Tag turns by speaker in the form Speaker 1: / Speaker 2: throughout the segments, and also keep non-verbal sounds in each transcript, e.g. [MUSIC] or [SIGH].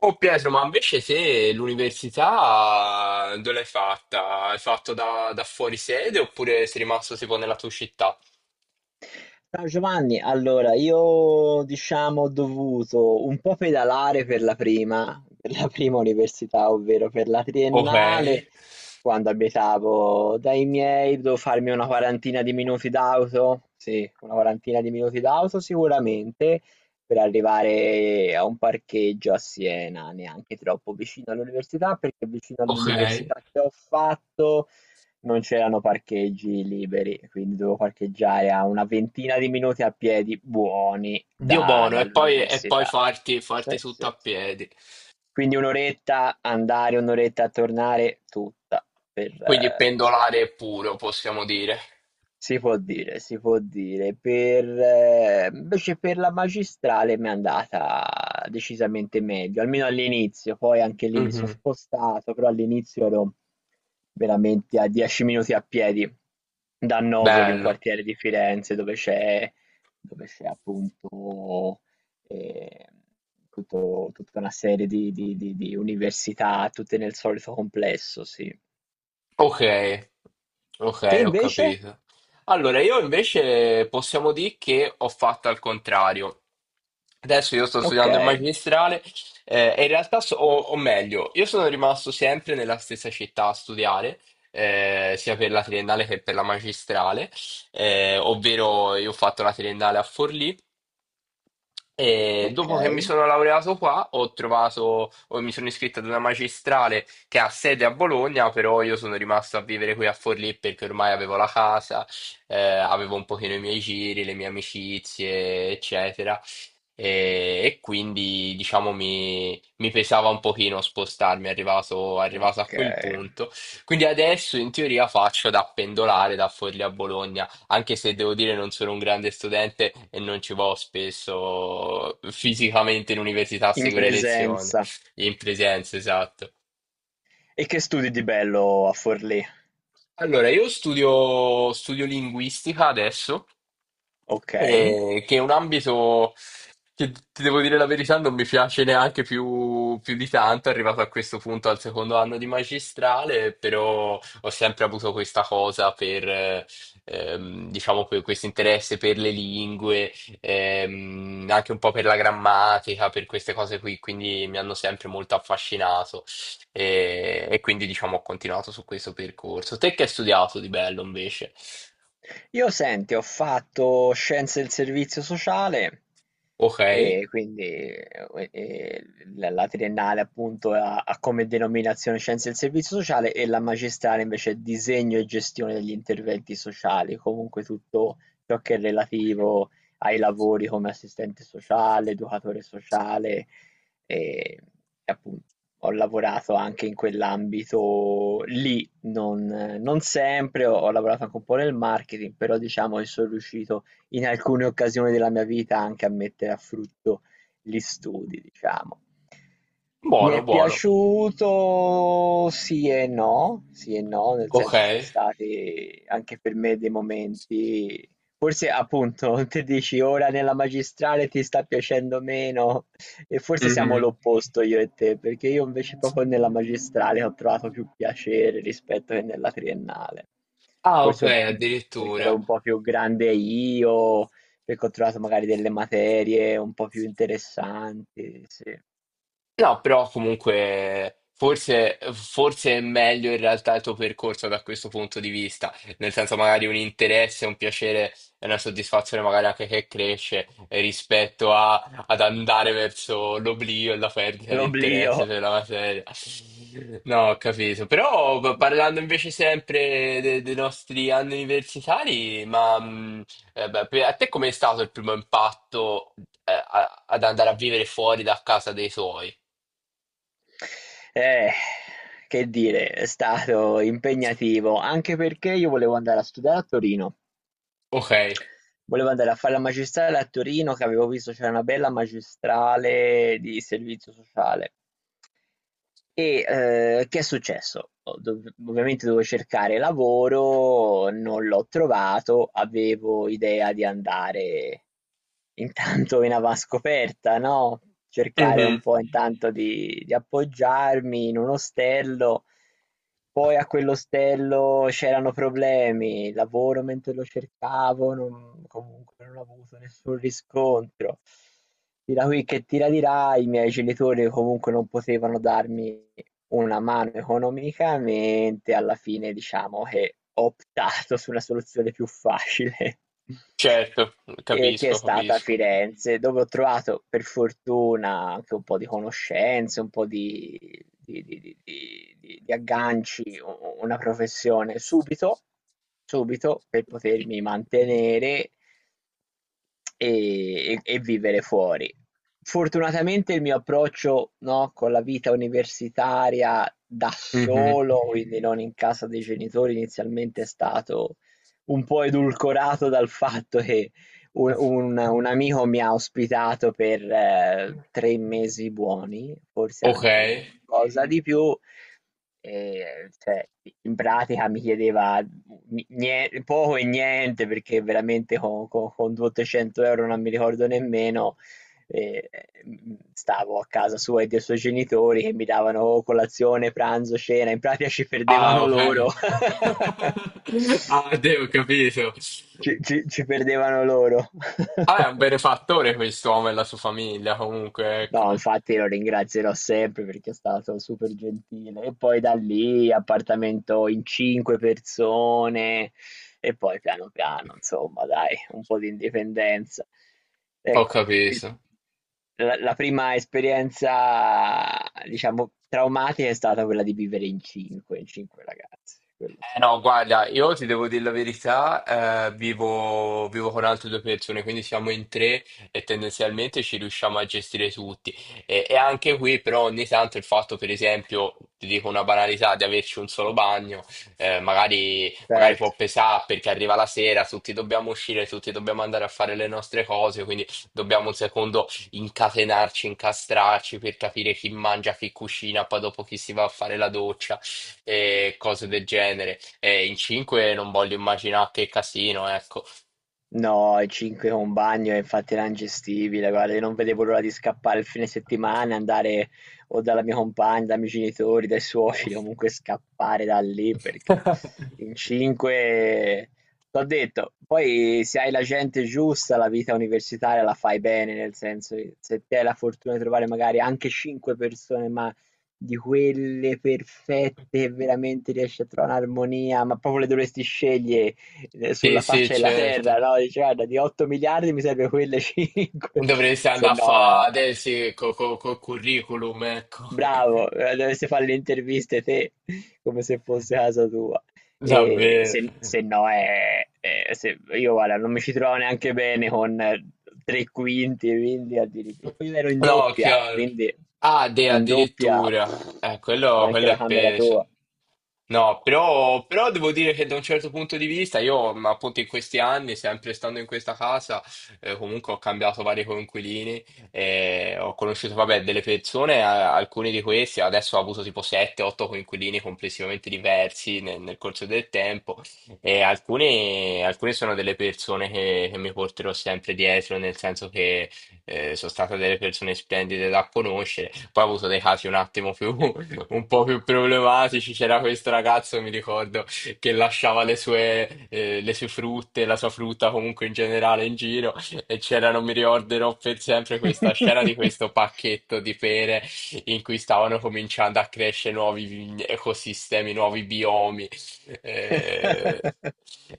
Speaker 1: Oh Pietro, ma invece se l'università, dove l'hai fatta? Hai fatto da fuori sede oppure sei rimasto tipo nella tua città?
Speaker 2: Ciao Giovanni, allora io diciamo ho dovuto un po' pedalare per la prima università, ovvero per la
Speaker 1: Ok,
Speaker 2: triennale, quando abitavo dai miei, devo farmi una quarantina di minuti d'auto, sì, una quarantina di minuti d'auto sicuramente, per arrivare a un parcheggio a Siena, neanche troppo vicino all'università, perché vicino
Speaker 1: ok.
Speaker 2: all'università che ho fatto non c'erano parcheggi liberi, quindi dovevo parcheggiare a una ventina di minuti a piedi buoni
Speaker 1: Dio buono, e poi
Speaker 2: dall'università.
Speaker 1: farti
Speaker 2: Sì,
Speaker 1: tutto
Speaker 2: sì,
Speaker 1: a
Speaker 2: sì.
Speaker 1: piedi.
Speaker 2: Quindi un'oretta andare, un'oretta a tornare, tutta per,
Speaker 1: Quindi
Speaker 2: sì.
Speaker 1: pendolare puro, possiamo dire.
Speaker 2: Si può dire, si può dire. Per invece per la magistrale mi è andata decisamente meglio, almeno all'inizio, poi anche lì mi sono
Speaker 1: Mhm.
Speaker 2: spostato, però all'inizio ero veramente a 10 minuti a piedi da Novoli, un
Speaker 1: Bello.
Speaker 2: quartiere di Firenze dove c'è appunto eh, tutta una serie di università, tutte nel solito complesso, sì.
Speaker 1: Ok,
Speaker 2: Te
Speaker 1: ok, ho
Speaker 2: invece?
Speaker 1: capito. Allora, io invece possiamo dire che ho fatto al contrario. Adesso io sto
Speaker 2: Ok,
Speaker 1: studiando il magistrale, e in realtà, o meglio, io sono rimasto sempre nella stessa città a studiare, sia per la triennale che per la magistrale, ovvero io ho fatto la triennale a Forlì. E
Speaker 2: ok.
Speaker 1: dopo che mi sono laureato qua, o mi sono iscritto ad una magistrale che ha sede a Bologna, però io sono rimasto a vivere qui a Forlì perché ormai avevo la casa, avevo un pochino i miei giri, le mie amicizie, eccetera. E quindi, diciamo, mi pesava un pochino spostarmi, arrivato a quel
Speaker 2: Okay,
Speaker 1: punto. Quindi adesso in teoria faccio da pendolare da Forlì a Bologna, anche se devo dire non sono un grande studente e non ci vado spesso fisicamente in università a
Speaker 2: in
Speaker 1: seguire lezioni,
Speaker 2: presenza.
Speaker 1: in presenza, esatto.
Speaker 2: E che studi di bello a Forlì?
Speaker 1: Allora, studio linguistica adesso,
Speaker 2: Okay.
Speaker 1: che è un ambito che ti devo dire la verità non mi piace neanche più, più di tanto, arrivato a questo punto al secondo anno di magistrale, però ho sempre avuto questa cosa per, diciamo, per questo interesse per le lingue, anche un po' per la grammatica, per queste cose qui, quindi mi hanno sempre molto affascinato. E quindi diciamo ho continuato su questo percorso. Te che hai studiato di bello invece?
Speaker 2: Io senti, ho fatto scienze del servizio sociale.
Speaker 1: Ok,
Speaker 2: E quindi la triennale appunto ha come denominazione Scienze del Servizio Sociale e la magistrale invece è Disegno e Gestione degli Interventi Sociali, comunque tutto ciò che è relativo ai lavori come assistente sociale, educatore sociale e appunto ho lavorato anche in quell'ambito lì, non, non sempre, ho lavorato anche un po' nel marketing, però diciamo che sono riuscito in alcune occasioni della mia vita anche a mettere a frutto gli studi, diciamo. Mi
Speaker 1: buono,
Speaker 2: è
Speaker 1: buono.
Speaker 2: piaciuto sì e no, nel
Speaker 1: Ok.
Speaker 2: senso ci sono stati anche per me dei momenti, forse appunto [LAUGHS] te dici ora nella magistrale ti sta piacendo meno e forse siamo
Speaker 1: Mhm.
Speaker 2: l'opposto io e te, perché io invece proprio nella magistrale ho trovato più piacere rispetto che nella triennale.
Speaker 1: Ah, ok,
Speaker 2: Forse un- Perché
Speaker 1: addirittura.
Speaker 2: ero un po' più grande io, perché ho trovato magari delle materie un po' più interessanti, sì.
Speaker 1: No, però comunque forse è meglio in realtà il tuo percorso da questo punto di vista, nel senso magari un interesse, un piacere e una soddisfazione magari anche che cresce, rispetto ad andare verso l'oblio e la perdita di
Speaker 2: L'oblio.
Speaker 1: interesse per la materia. No, ho capito. Però parlando invece sempre dei nostri anni universitari, beh, a te com'è stato il primo impatto, ad andare a vivere fuori da casa dei tuoi?
Speaker 2: Eh, che dire, è stato impegnativo, anche perché io volevo andare a studiare a Torino.
Speaker 1: Ok,
Speaker 2: Volevo andare a fare la magistrale a Torino, che avevo visto c'era una bella magistrale di servizio sociale. E, che è successo? Ho dov ovviamente dovevo cercare lavoro, non l'ho trovato, avevo idea di andare intanto in avanscoperta, no, cercare
Speaker 1: mhm.
Speaker 2: un po' intanto di appoggiarmi in un ostello, poi a quell'ostello c'erano problemi, lavoro mentre lo cercavo, non, comunque non ho avuto nessun riscontro. Tira qui che tira di là, i miei genitori comunque non potevano darmi una mano economicamente, alla fine diciamo che ho optato su una soluzione più facile. [LAUGHS]
Speaker 1: Certo,
Speaker 2: E che è
Speaker 1: capisco,
Speaker 2: stata a
Speaker 1: capisco.
Speaker 2: Firenze, dove ho trovato per fortuna anche un po' di conoscenze, un po' di, di agganci, una professione subito, subito per potermi mantenere e vivere fuori. Fortunatamente il mio approccio, no, con la vita universitaria da
Speaker 1: Mhm.
Speaker 2: solo, quindi non in casa dei genitori, inizialmente è stato un po' edulcorato dal fatto che un amico mi ha ospitato per 3 mesi buoni, forse
Speaker 1: Ok,
Speaker 2: anche qualcosa di più, cioè in pratica mi chiedeva poco e niente perché veramente con 200 euro non mi ricordo nemmeno, eh, stavo a casa sua e dei suoi genitori che mi davano colazione, pranzo, cena, in pratica ci
Speaker 1: ah,
Speaker 2: perdevano
Speaker 1: ok.
Speaker 2: loro.
Speaker 1: [LAUGHS]
Speaker 2: [LAUGHS]
Speaker 1: Ah, ho capito.
Speaker 2: Ci perdevano loro.
Speaker 1: Ah, è un
Speaker 2: [LAUGHS]
Speaker 1: benefattore quest'uomo e la sua famiglia, comunque, ecco.
Speaker 2: No, infatti lo ringrazierò sempre perché è stato super gentile. E poi da lì appartamento in 5 persone e poi piano piano, insomma, dai, un po' di indipendenza.
Speaker 1: Ho
Speaker 2: Ecco, il-
Speaker 1: capito.
Speaker 2: la prima esperienza, diciamo, traumatica è stata quella di vivere in 5, in 5 ragazzi, quello sì.
Speaker 1: No, guarda, io ti devo dire la verità, vivo con altre due persone, quindi siamo in tre e tendenzialmente ci riusciamo a gestire tutti. E anche qui, però, ogni tanto il fatto, per esempio, ti dico una banalità, di averci un solo bagno, magari
Speaker 2: Certo.
Speaker 1: può pesare perché arriva la sera, tutti dobbiamo uscire, tutti dobbiamo andare a fare le nostre cose, quindi dobbiamo un secondo incastrarci per capire chi mangia, chi cucina, poi dopo chi si va a fare la doccia e cose del genere. E in 5 non voglio immaginare che casino, ecco.
Speaker 2: No, i 5 con bagno è infatti era ingestibile, guarda, io non vedevo l'ora di scappare il fine settimana, andare o dalla mia compagna, dai miei genitori, dai suoceri, comunque scappare da lì perché
Speaker 1: [LAUGHS]
Speaker 2: in 5 t'ho detto, poi se hai la gente giusta, la vita universitaria la fai bene, nel senso che se ti hai la fortuna di trovare magari anche 5 persone, ma di quelle perfette che veramente riesci a trovare un'armonia, ma proprio le dovresti scegliere
Speaker 1: Sì,
Speaker 2: sulla
Speaker 1: sì,
Speaker 2: faccia della
Speaker 1: certo.
Speaker 2: terra, no? Dici, guarda, di 8 miliardi mi serve quelle 5,
Speaker 1: Dovresti
Speaker 2: [LAUGHS] se
Speaker 1: andare a fare
Speaker 2: no,
Speaker 1: adesso col curriculum, ecco.
Speaker 2: bravo, dovresti fare le interviste te, [LAUGHS] come se fosse
Speaker 1: [LAUGHS]
Speaker 2: casa tua. E
Speaker 1: Davvero.
Speaker 2: se no è, io guarda, non mi ci trovo neanche bene con tre quinti, quindi addirittura. Poi ero in
Speaker 1: No,
Speaker 2: doppia,
Speaker 1: chiaro.
Speaker 2: quindi
Speaker 1: Ah,
Speaker 2: in doppia
Speaker 1: addirittura.
Speaker 2: pff,
Speaker 1: Quello,
Speaker 2: neanche
Speaker 1: quello
Speaker 2: la
Speaker 1: è
Speaker 2: camera
Speaker 1: peso.
Speaker 2: tua.
Speaker 1: No, però devo dire che da un certo punto di vista, io appunto in questi anni, sempre stando in questa casa, comunque ho cambiato vari coinquilini, e ho conosciuto, vabbè, delle persone, alcuni di questi, adesso ho avuto tipo 7-8 coinquilini complessivamente diversi nel corso del tempo, e alcuni sono delle persone che mi porterò sempre dietro, nel senso, sono state delle persone splendide da conoscere. Poi ho avuto dei casi un attimo più, [LAUGHS] un po' più problematici. C'era questo ragazzo, mi ricordo, che lasciava le sue frutte, la sua frutta comunque in generale in giro. E c'era, non mi ricorderò per sempre, questa scena di
Speaker 2: [LAUGHS]
Speaker 1: questo pacchetto di pere in cui stavano cominciando a crescere ecosistemi, nuovi biomi. Eh,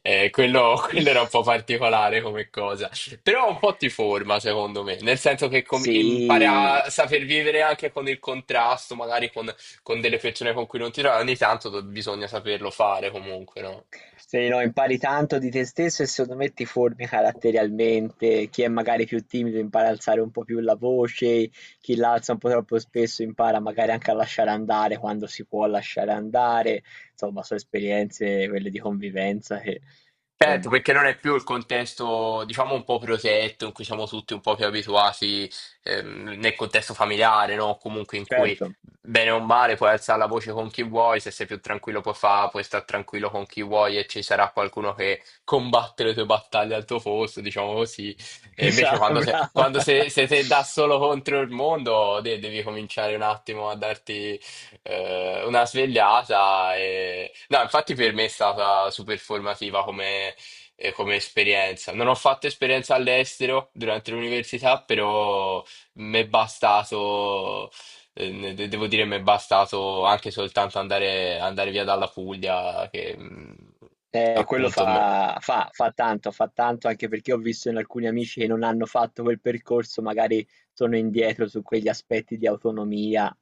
Speaker 1: quello, [LAUGHS] quello era un po' particolare come cosa. Però un po' ti forma, secondo me, nel senso che impari
Speaker 2: Sì,
Speaker 1: a saper vivere anche con il contrasto, magari con delle persone con cui non ti trovi, ogni tanto bisogna saperlo fare comunque, no?
Speaker 2: se no, impari tanto di te stesso e secondo me ti formi caratterialmente. Chi è magari più timido impara ad alzare un po' più la voce, chi l'alza un po' troppo spesso impara magari anche a lasciare andare quando si può lasciare andare. Insomma, sono esperienze quelle di convivenza che,
Speaker 1: Certo,
Speaker 2: insomma,
Speaker 1: perché non è più il contesto, diciamo, un po' protetto, in cui siamo tutti un po' più abituati, nel contesto familiare, no? Comunque in cui,
Speaker 2: certo,
Speaker 1: bene o male, puoi alzare la voce con chi vuoi, se sei più tranquillo puoi stare tranquillo con chi vuoi e ci sarà qualcuno che combatte le tue battaglie al tuo posto, diciamo così.
Speaker 2: [LAUGHS]
Speaker 1: E invece
Speaker 2: esatto,
Speaker 1: quando sei,
Speaker 2: brava.
Speaker 1: quando se, se sei te da solo contro il mondo, devi cominciare un attimo a darti una svegliata. E... No, infatti per me è stata super formativa come, come esperienza. Non ho fatto esperienza all'estero durante l'università, però mi è bastato, devo dire, mi è bastato anche soltanto andare via dalla Puglia, che
Speaker 2: Quello
Speaker 1: appunto.
Speaker 2: fa tanto, fa tanto anche perché ho visto in alcuni amici che non hanno fatto quel percorso, magari sono indietro su quegli aspetti di autonomia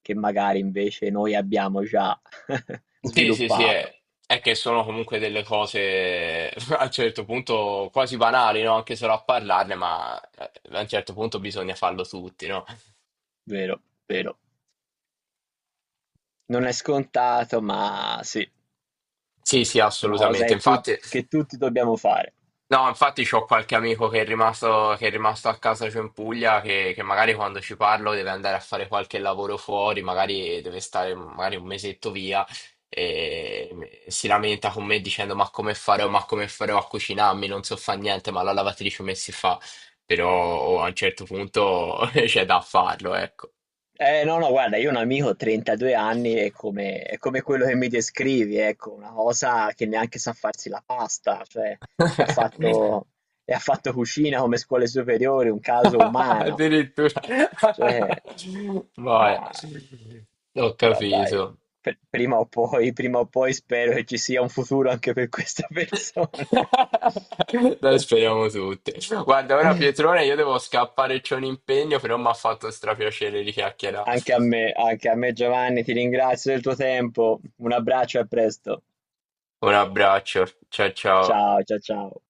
Speaker 2: che magari invece noi abbiamo già [LAUGHS]
Speaker 1: Sì, sì, sì,
Speaker 2: sviluppato.
Speaker 1: è che sono comunque delle cose [LAUGHS] a un certo punto quasi banali, no? Anche solo a parlarne, ma a un certo punto bisogna farlo tutti, no?
Speaker 2: Vero, vero. Non è scontato, ma sì, è
Speaker 1: Sì, sì,
Speaker 2: una cosa
Speaker 1: assolutamente.
Speaker 2: che, tu-
Speaker 1: Infatti.
Speaker 2: che tutti dobbiamo fare.
Speaker 1: No, infatti c'ho qualche amico che è rimasto a casa giù in Puglia che magari quando ci parlo deve andare a fare qualche lavoro fuori, magari deve stare magari un mesetto via e si lamenta con me dicendo ma come farò a cucinarmi, non so fare niente, ma la lavatrice come si fa? Però oh, a un certo punto [LAUGHS] c'è da farlo, ecco.
Speaker 2: No, no, guarda, io ho un amico 32 anni è come quello che mi descrivi, ecco, una cosa che neanche sa farsi la pasta, cioè ha
Speaker 1: [LAUGHS]
Speaker 2: fatto, e ha fatto cucina come scuole superiori, un caso umano,
Speaker 1: Addirittura.
Speaker 2: cioè,
Speaker 1: [LAUGHS]
Speaker 2: no,
Speaker 1: Vai, ho
Speaker 2: però dai,
Speaker 1: capito.
Speaker 2: prima o poi spero che ci sia un futuro anche per queste persone.
Speaker 1: [LAUGHS] Dai, speriamo tutti. Guarda, ora
Speaker 2: [LAUGHS]
Speaker 1: Pietrone, io devo scappare, c'ho un impegno, però mi ha fatto strapiacere di chiacchierare.
Speaker 2: Anche a me Giovanni, ti ringrazio del tuo tempo, un abbraccio e a presto.
Speaker 1: Un abbraccio, ciao ciao.
Speaker 2: Ciao, ciao, ciao.